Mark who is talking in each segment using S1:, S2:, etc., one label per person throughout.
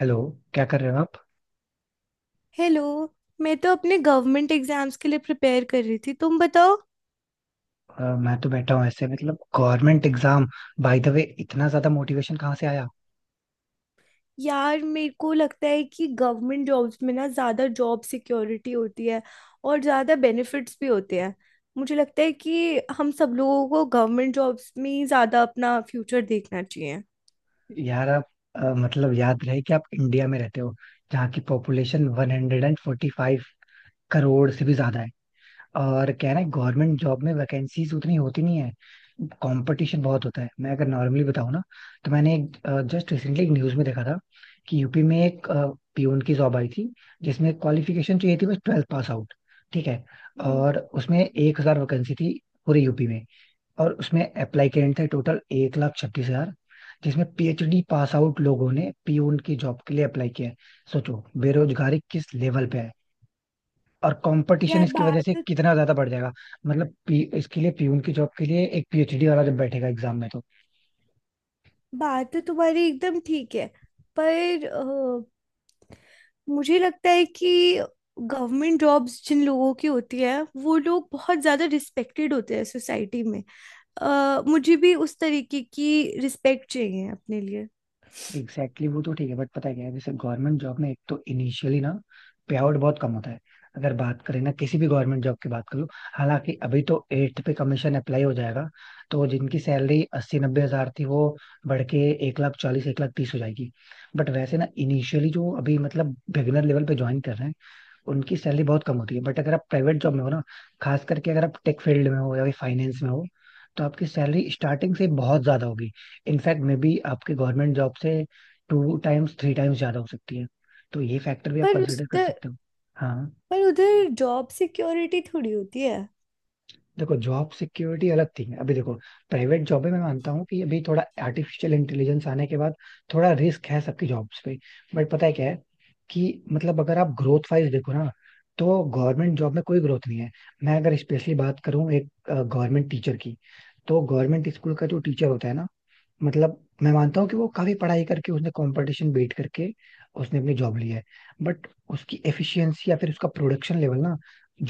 S1: Hello. क्या कर रहे हो आप।
S2: हेलो। मैं तो अपने गवर्नमेंट एग्जाम्स के लिए प्रिपेयर कर रही थी, तुम बताओ।
S1: मैं तो बैठा हूँ ऐसे मतलब government exam. By the way, इतना ज्यादा मोटिवेशन कहाँ से आया?
S2: यार मेरे को लगता है कि गवर्नमेंट जॉब्स में ना ज़्यादा जॉब सिक्योरिटी होती है और ज़्यादा बेनिफिट्स भी होते हैं। मुझे लगता है कि हम सब लोगों को गवर्नमेंट जॉब्स में ही ज़्यादा अपना फ्यूचर देखना चाहिए।
S1: यार आप, मतलब याद रहे कि आप इंडिया में रहते हो, जहाँ की पॉपुलेशन 145 करोड़ से भी ज्यादा। और क्या है ना, गवर्नमेंट जॉब में वैकेंसीज उतनी होती नहीं है, कंपटीशन बहुत होता है। मैं अगर नॉर्मली बताऊँ ना, तो मैंने एक जस्ट रिसेंटली एक न्यूज़ में देखा था, कि यूपी में एक पियून की जॉब आई थी, जिसमें क्वालिफिकेशन चाहिए थी बस ट्वेल्थ पास आउट, ठीक है।
S2: हम्म।
S1: और उसमें 1,000 वैकेंसी थी, पूरे यूपी में। और उसमें अप्लाई करने थे टोटल 1,36,000, जिसमें पीएचडी पास आउट लोगों ने पीयून की जॉब के लिए अप्लाई किया है। सोचो बेरोजगारी किस लेवल पे है, और कंपटीशन
S2: यार
S1: इसकी वजह से
S2: बात
S1: कितना ज्यादा बढ़ जाएगा। मतलब इसके लिए, पीयून की जॉब के लिए एक पीएचडी वाला जब बैठेगा एग्जाम में तो...
S2: बात तो तुम्हारी एकदम ठीक है, पर मुझे लगता है कि गवर्नमेंट जॉब्स जिन लोगों की होती है वो लोग बहुत ज़्यादा रिस्पेक्टेड होते हैं सोसाइटी में। मुझे भी उस तरीके की रिस्पेक्ट चाहिए अपने लिए।
S1: एग्जैक्टली exactly, वो तो ठीक है, बट पता है क्या है, जैसे गवर्नमेंट जॉब में एक तो इनिशियली ना, पे आउट बहुत कम होता है। अगर बात करें ना, किसी भी गवर्नमेंट जॉब की बात कर लो। हालांकि अभी तो एट्थ पे कमीशन अप्लाई हो जाएगा, तो जिनकी सैलरी 80-90 हजार थी, वो बढ़ के 1,40,000, 1,30,000 हो जाएगी। बट वैसे ना, इनिशियली जो अभी मतलब बिगिनर लेवल पे ज्वाइन कर रहे हैं, उनकी सैलरी बहुत कम होती है। बट अगर आप प्राइवेट जॉब में हो ना, खास करके अगर आप टेक फील्ड में हो या फिर फाइनेंस में हो, तो आपकी सैलरी स्टार्टिंग से बहुत ज्यादा होगी। इनफैक्ट मे बी आपकी गवर्नमेंट जॉब से टू टाइम्स, थ्री टाइम्स ज्यादा हो सकती है। तो ये फैक्टर भी आप
S2: पर उस
S1: कंसिडर कर
S2: तर,
S1: सकते हो। हाँ।
S2: पर उधर जॉब सिक्योरिटी थोड़ी होती है।
S1: देखो जॉब सिक्योरिटी अलग थी, अभी देखो प्राइवेट जॉब में मैं मानता हूँ कि अभी थोड़ा आर्टिफिशियल इंटेलिजेंस आने के बाद थोड़ा रिस्क है सबकी जॉब्स पे। बट पता है क्या है, कि मतलब अगर आप ग्रोथ वाइज देखो ना, तो गवर्नमेंट जॉब में कोई ग्रोथ नहीं है। मैं अगर स्पेशली बात करूँ एक गवर्नमेंट टीचर की, तो गवर्नमेंट स्कूल का जो टीचर होता है ना, मतलब मैं मानता हूँ कि वो काफी पढ़ाई करके उसने कंपटीशन बीट करके उसने अपनी जॉब ली है, बट उसकी एफिशिएंसी या फिर उसका प्रोडक्शन लेवल ना,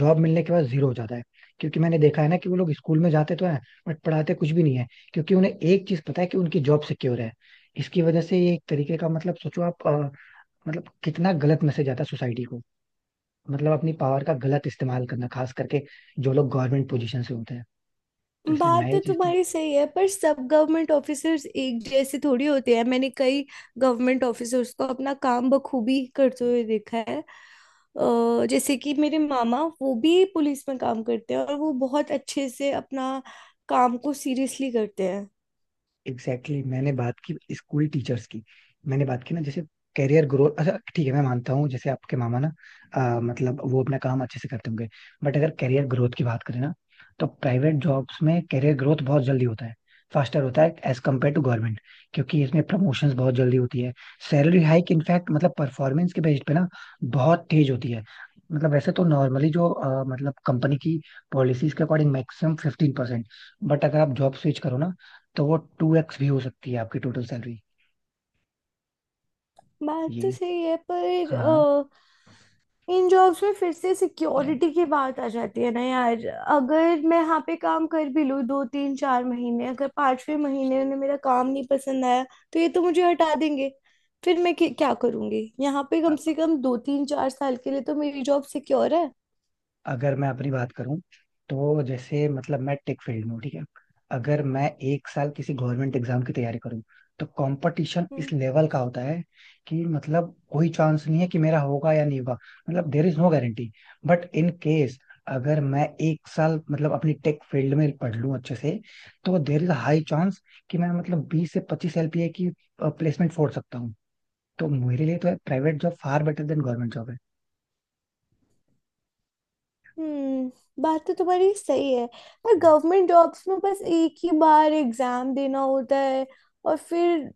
S1: जॉब मिलने के बाद जीरो हो जाता है। क्योंकि मैंने देखा है ना, कि वो लोग स्कूल में जाते तो हैं, बट पढ़ाते कुछ भी नहीं है, क्योंकि उन्हें एक चीज पता है कि उनकी जॉब सिक्योर है। इसकी वजह से ये एक तरीके का मतलब, सोचो आप, मतलब कितना गलत मैसेज आता है सोसाइटी को। मतलब अपनी पावर का गलत इस्तेमाल करना, खास करके जो लोग गवर्नमेंट पोजीशन से होते हैं, तो इसलिए
S2: बात
S1: मैं
S2: तो
S1: ये चीज तो...
S2: तुम्हारी सही है, पर सब गवर्नमेंट ऑफिसर्स एक जैसे थोड़ी होते हैं। मैंने कई गवर्नमेंट ऑफिसर्स को अपना काम बखूबी करते हुए देखा है। जैसे कि मेरे मामा, वो भी पुलिस में काम करते हैं और वो बहुत अच्छे से अपना काम को सीरियसली करते हैं।
S1: एग्जैक्टली exactly, मैंने बात की स्कूल टीचर्स की, मैंने बात की ना जैसे कैरियर ग्रोथ। अच्छा, ठीक है, मैं मानता हूँ जैसे आपके मामा ना, मतलब वो अपना काम अच्छे से करते होंगे। बट अगर कैरियर ग्रोथ की बात करें ना, तो प्राइवेट जॉब्स में कैरियर ग्रोथ बहुत जल्दी होता है, फास्टर होता है एज कम्पेयर टू गवर्नमेंट। क्योंकि इसमें प्रमोशंस बहुत जल्दी होती है, सैलरी हाइक इनफैक्ट मतलब परफॉर्मेंस के बेस पे ना, बहुत तेज होती है। मतलब वैसे तो नॉर्मली जो मतलब कंपनी की पॉलिसीज के अकॉर्डिंग मैक्सिमम 15%, बट अगर आप जॉब स्विच करो ना, तो वो 2x भी हो सकती है आपकी टोटल सैलरी।
S2: बात तो
S1: ये,
S2: सही है, पर
S1: हाँ,
S2: इन जॉब्स में फिर से
S1: अ-
S2: सिक्योरिटी की बात आ जाती है ना यार। अगर मैं यहाँ पे काम कर भी लूँ दो तीन चार महीने, अगर पांचवें महीने में मेरा काम नहीं पसंद आया तो ये तो मुझे हटा देंगे। फिर मैं क्या क्या करूँगी? यहाँ पे कम से कम दो तीन चार साल के लिए तो मेरी जॉब सिक्योर है।
S1: अगर मैं अपनी बात करूं, तो जैसे मतलब मैं टेक फील्ड में हूं, ठीक है। अगर मैं एक साल किसी गवर्नमेंट एग्जाम की तैयारी करूं, तो कंपटीशन इस
S2: हम्म।
S1: लेवल का होता है कि मतलब कोई चांस नहीं है कि मेरा होगा या नहीं होगा, मतलब there is no guarantee. But in case अगर मैं एक साल मतलब अपनी टेक फील्ड में पढ़ लूं अच्छे से, तो देर इज हाई चांस कि मैं मतलब 20 से 25 एलपीए की प्लेसमेंट फोड़ सकता हूँ। तो मेरे लिए तो private job far better than government job है।
S2: हम्म। बात तो तुम्हारी सही है, पर गवर्नमेंट जॉब्स में बस एक ही बार एग्जाम देना होता है और फिर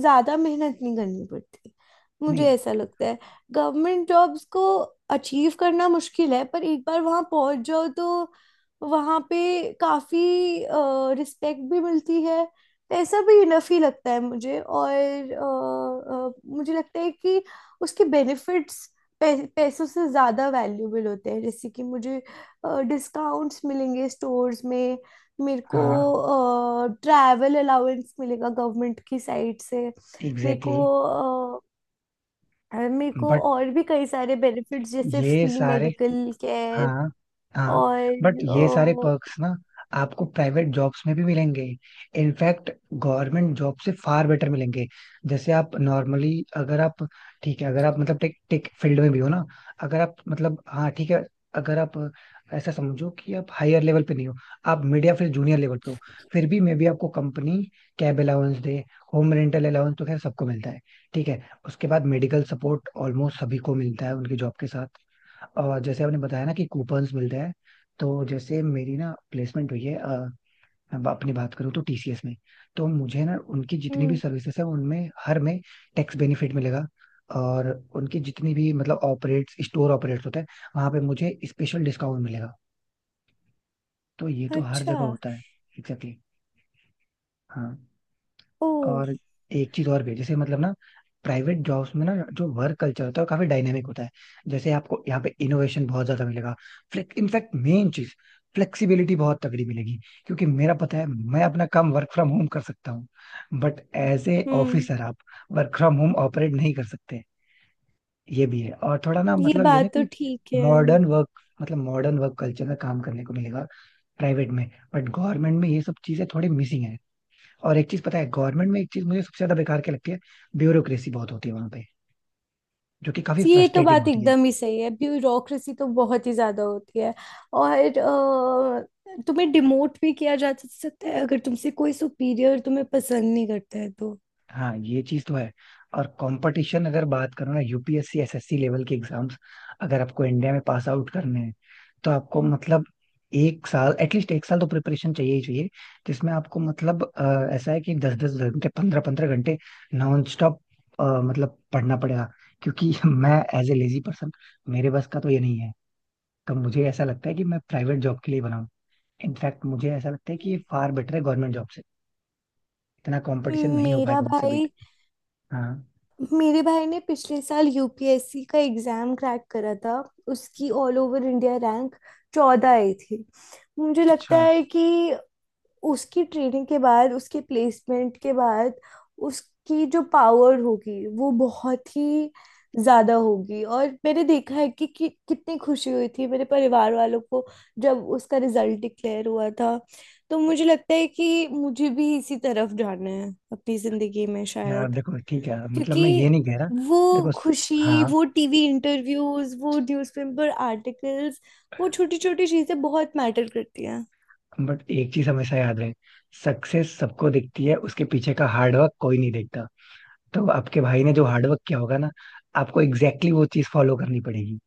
S2: ज्यादा मेहनत नहीं करनी पड़ती, मुझे
S1: नहीं।
S2: ऐसा लगता है। गवर्नमेंट जॉब्स को अचीव करना मुश्किल है, पर एक बार वहां पहुंच जाओ तो वहां पे काफी रिस्पेक्ट भी मिलती है। पैसा भी इनफ ही लगता है मुझे, और मुझे लगता है कि उसके बेनिफिट्स पैसों से ज़्यादा वैल्यूबल होते हैं, जैसे कि मुझे डिस्काउंट्स मिलेंगे स्टोर्स में। मेरे को
S1: हाँ,
S2: ट्रैवल अलाउंस मिलेगा गवर्नमेंट की साइड से। मेरे
S1: एग्जैक्टली
S2: को
S1: exactly.
S2: अ, मेरे को
S1: बट
S2: और भी कई सारे बेनिफिट्स, जैसे
S1: ये
S2: फ्री
S1: सारे,
S2: मेडिकल केयर
S1: हाँ, हाँ,
S2: और।
S1: बट ये सारे
S2: अ,
S1: पर्क्स ना आपको प्राइवेट जॉब्स में भी मिलेंगे, इनफैक्ट गवर्नमेंट जॉब से फार बेटर मिलेंगे। जैसे आप नॉर्मली अगर आप, ठीक है, अगर आप मतलब टेक टेक फील्ड में भी हो ना, अगर आप मतलब, हाँ ठीक है, अगर आप ऐसा समझो कि आप हायर लेवल पे नहीं हो, आप मिड या फिर जूनियर लेवल पे हो, फिर भी मे बी आपको कंपनी कैब अलाउंस दे, होम रेंटल अलाउंस तो खैर सबको मिलता है, ठीक है। उसके बाद मेडिकल सपोर्ट ऑलमोस्ट सभी को मिलता है उनकी जॉब के साथ। और जैसे आपने बताया ना कि कूपन्स मिलते हैं, तो जैसे मेरी ना प्लेसमेंट हुई है, मैं अपनी बात करूँ तो टीसीएस में, तो मुझे ना उनकी जितनी भी
S2: हम्म।
S1: सर्विसेज है उनमें हर में टैक्स बेनिफिट मिलेगा। और उनकी जितनी भी मतलब ऑपरेट्स स्टोर ऑपरेट्स होते हैं, वहां पे मुझे स्पेशल डिस्काउंट मिलेगा, तो ये तो हर
S2: अच्छा।
S1: जगह होता है। Exactly exactly. हाँ।
S2: ओ।
S1: और एक चीज और भी है, जैसे मतलब ना प्राइवेट जॉब्स में ना जो वर्क कल्चर होता है, वो काफी डायनेमिक होता है, जैसे आपको यहाँ पे इनोवेशन बहुत ज्यादा मिलेगा। इनफैक्ट मेन चीज फ्लेक्सिबिलिटी बहुत तगड़ी मिलेगी, क्योंकि मेरा पता है मैं अपना काम वर्क फ्रॉम होम कर सकता हूँ, बट एज ए
S2: हम्म।
S1: ऑफिसर आप वर्क फ्रॉम होम ऑपरेट नहीं कर सकते। ये भी है, और थोड़ा ना
S2: ये
S1: मतलब, ये ना
S2: बात तो
S1: कि
S2: ठीक है।
S1: Modern work modern work culture में काम करने को मिलेगा प्राइवेट में, बट गवर्नमेंट में ये सब चीजें थोड़ी मिसिंग है। और एक चीज पता है गवर्नमेंट में, एक चीज मुझे सबसे ज्यादा बेकार क्या लगती है, ब्यूरोक्रेसी बहुत होती है वहां पे, जो कि काफी
S2: तो ये तो
S1: फ्रस्ट्रेटिंग
S2: बात
S1: होती है।
S2: एकदम ही सही है, ब्यूरोक्रेसी तो बहुत ही ज्यादा होती है। और तुम्हें डिमोट भी किया जा सकता है, अगर तुमसे कोई सुपीरियर तुम्हें पसंद नहीं करता है तो।
S1: हाँ, ये चीज तो है। और कंपटीशन अगर बात करो ना, यूपीएससी एसएससी लेवल के एग्जाम्स, अगर आपको इंडिया में पास आउट करने हैं, तो आपको मतलब एक साल, एटलीस्ट एक साल तो प्रिपरेशन चाहिए ही चाहिए, जिसमें आपको मतलब ऐसा है कि दस दस घंटे, पंद्रह पंद्रह घंटे नॉन स्टॉप मतलब पढ़ना पड़ेगा। क्योंकि मैं एज ए लेजी पर्सन, मेरे बस का तो ये नहीं है। तो मुझे ऐसा लगता है कि मैं प्राइवेट जॉब के लिए बनाऊं, इनफैक्ट मुझे ऐसा लगता है कि ये फार बेटर है गवर्नमेंट जॉब से, इतना कंपटीशन नहीं हो
S2: मेरा
S1: पाएगा उनसे बेट...
S2: भाई
S1: हाँ।
S2: मेरे भाई ने पिछले साल यूपीएससी का एग्जाम क्रैक करा था। उसकी ऑल ओवर इंडिया रैंक 14 आई थी। मुझे लगता
S1: अच्छा।
S2: है कि उसकी ट्रेनिंग के बाद, उसके प्लेसमेंट के बाद उसकी जो पावर होगी वो बहुत ही ज्यादा होगी। और मैंने देखा है कि कितनी खुशी हुई थी मेरे परिवार वालों को जब उसका रिजल्ट डिक्लेयर हुआ था। तो मुझे लगता है कि मुझे भी इसी तरफ जाना है अपनी जिंदगी में
S1: यार
S2: शायद,
S1: देखो ठीक है, मतलब
S2: क्योंकि
S1: मैं ये नहीं कह रहा,
S2: वो
S1: देखो
S2: खुशी,
S1: हाँ,
S2: वो टीवी इंटरव्यूज, वो न्यूज़पेपर आर्टिकल्स, वो छोटी छोटी चीजें बहुत मैटर करती हैं।
S1: बट एक चीज हमेशा याद रहे, सक्सेस सबको दिखती है, उसके पीछे का हार्डवर्क कोई नहीं देखता। तो आपके भाई ने जो हार्डवर्क किया होगा ना, आपको एग्जैक्टली exactly वो चीज फॉलो करनी पड़ेगी,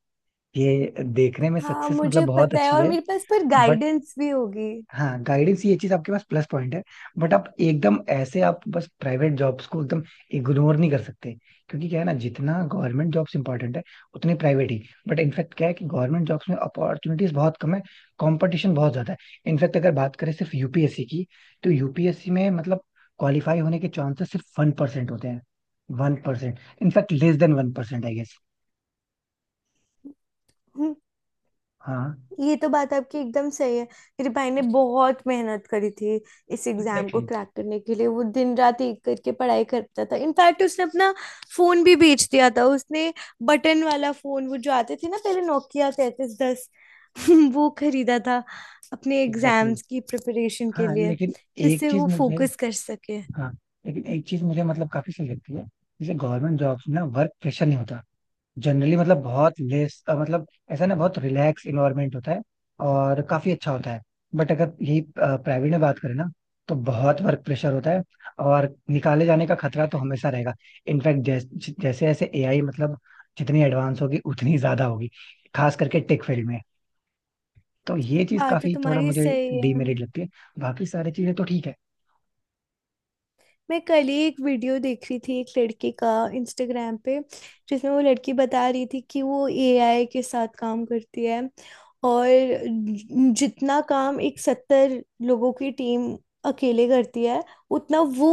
S1: ये देखने में
S2: हाँ,
S1: सक्सेस मतलब
S2: मुझे
S1: बहुत
S2: पता है,
S1: अच्छी
S2: और
S1: है।
S2: मेरे पास पर
S1: बट
S2: गाइडेंस भी होगी।
S1: हाँ, गाइडेंस ये चीज आपके पास प्लस पॉइंट है, बट आप एकदम ऐसे आप बस प्राइवेट जॉब्स को एकदम इग्नोर नहीं कर सकते, क्योंकि क्या है ना, जितना गवर्नमेंट जॉब्स इंपॉर्टेंट है, उतने प्राइवेट ही। बट इनफैक्ट क्या है कि गवर्नमेंट जॉब्स में अपॉर्चुनिटीज बहुत कम है, कंपटीशन बहुत ज्यादा है। इनफैक्ट अगर बात करें सिर्फ यूपीएससी की, तो यूपीएससी में मतलब क्वालिफाई होने के चांसेस सिर्फ 1% होते हैं, 1% इनफैक्ट, लेस देन 1% आई गेस।
S2: हम्म।
S1: हाँ।
S2: ये तो बात आपकी एकदम सही है। मेरे भाई ने बहुत मेहनत करी थी इस एग्जाम को
S1: एग्जैक्टली,
S2: क्रैक करने के लिए। वो दिन रात एक करके पढ़ाई करता था, इनफैक्ट उसने अपना फोन भी बेच दिया था। उसने बटन वाला फोन, वो जो आते थे ना पहले नोकिया 3310, वो खरीदा था अपने
S1: एग्जैक्टली।
S2: एग्जाम्स की प्रिपरेशन के
S1: हाँ
S2: लिए
S1: लेकिन एक
S2: जिससे
S1: चीज
S2: वो
S1: मुझे
S2: फोकस कर सके।
S1: हाँ लेकिन एक चीज मुझे मतलब काफी सही लगती है, जैसे गवर्नमेंट जॉब्स में ना वर्क प्रेशर नहीं होता जनरली, मतलब बहुत लेस, मतलब ऐसा ना बहुत रिलैक्स इन्वायरमेंट होता है और काफी अच्छा होता है। बट अगर यही प्राइवेट में बात करें ना, तो बहुत वर्क प्रेशर होता है, और निकाले जाने का खतरा तो हमेशा रहेगा। इनफैक्ट जैसे जैसे ऐसे एआई मतलब जितनी एडवांस होगी, उतनी ज्यादा होगी, खास करके टेक फील्ड में। तो ये चीज
S2: बात तो
S1: काफी थोड़ा
S2: तुम्हारी
S1: मुझे
S2: सही है।
S1: डीमेरिट लगती है, बाकी सारी चीजें तो ठीक है।
S2: मैं कल ही एक वीडियो देख रही थी एक लड़की का, इंस्टाग्राम पे, जिसमें वो लड़की बता रही थी कि वो एआई के साथ काम करती है, और जितना काम एक 70 लोगों की टीम अकेले करती है उतना वो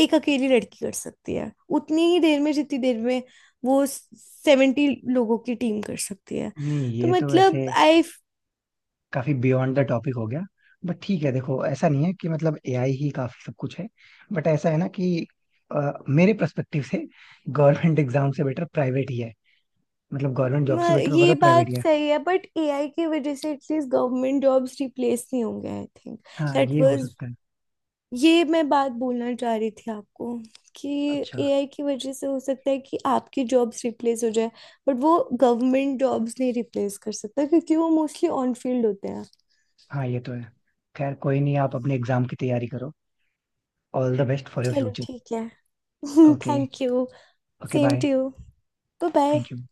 S2: एक अकेली लड़की कर सकती है, उतनी ही देर में जितनी देर में वो 70 लोगों की टीम कर सकती है।
S1: नहीं,
S2: तो
S1: ये तो
S2: मतलब
S1: वैसे काफी बियॉन्ड द टॉपिक हो गया, बट ठीक है। देखो ऐसा नहीं है कि मतलब एआई ही काफी सब कुछ है, बट ऐसा है ना कि मेरे पर्सपेक्टिव से गवर्नमेंट एग्जाम से बेटर प्राइवेट ही है, मतलब गवर्नमेंट जॉब से बेटर
S2: ये
S1: मतलब प्राइवेट
S2: बात
S1: ही है।
S2: सही है, बट एआई की वजह से एटलीस्ट गवर्नमेंट जॉब्स रिप्लेस नहीं होंगे आई थिंक।
S1: हाँ,
S2: दैट
S1: ये हो
S2: वाज
S1: सकता है।
S2: ये मैं बात बोलना चाह रही थी आपको, कि
S1: अच्छा।
S2: एआई की वजह से हो सकता है कि आपकी जॉब्स रिप्लेस हो जाए, बट वो गवर्नमेंट जॉब्स नहीं रिप्लेस कर सकता क्योंकि वो मोस्टली ऑन फील्ड होते हैं।
S1: हाँ, ये तो है। खैर कोई नहीं, आप अपने एग्जाम की तैयारी करो, all the best for your
S2: चलो
S1: फ्यूचर।
S2: ठीक है।
S1: Okay.
S2: Thank you.
S1: Okay,
S2: same
S1: bye.
S2: To you. Bye bye.
S1: Thank you.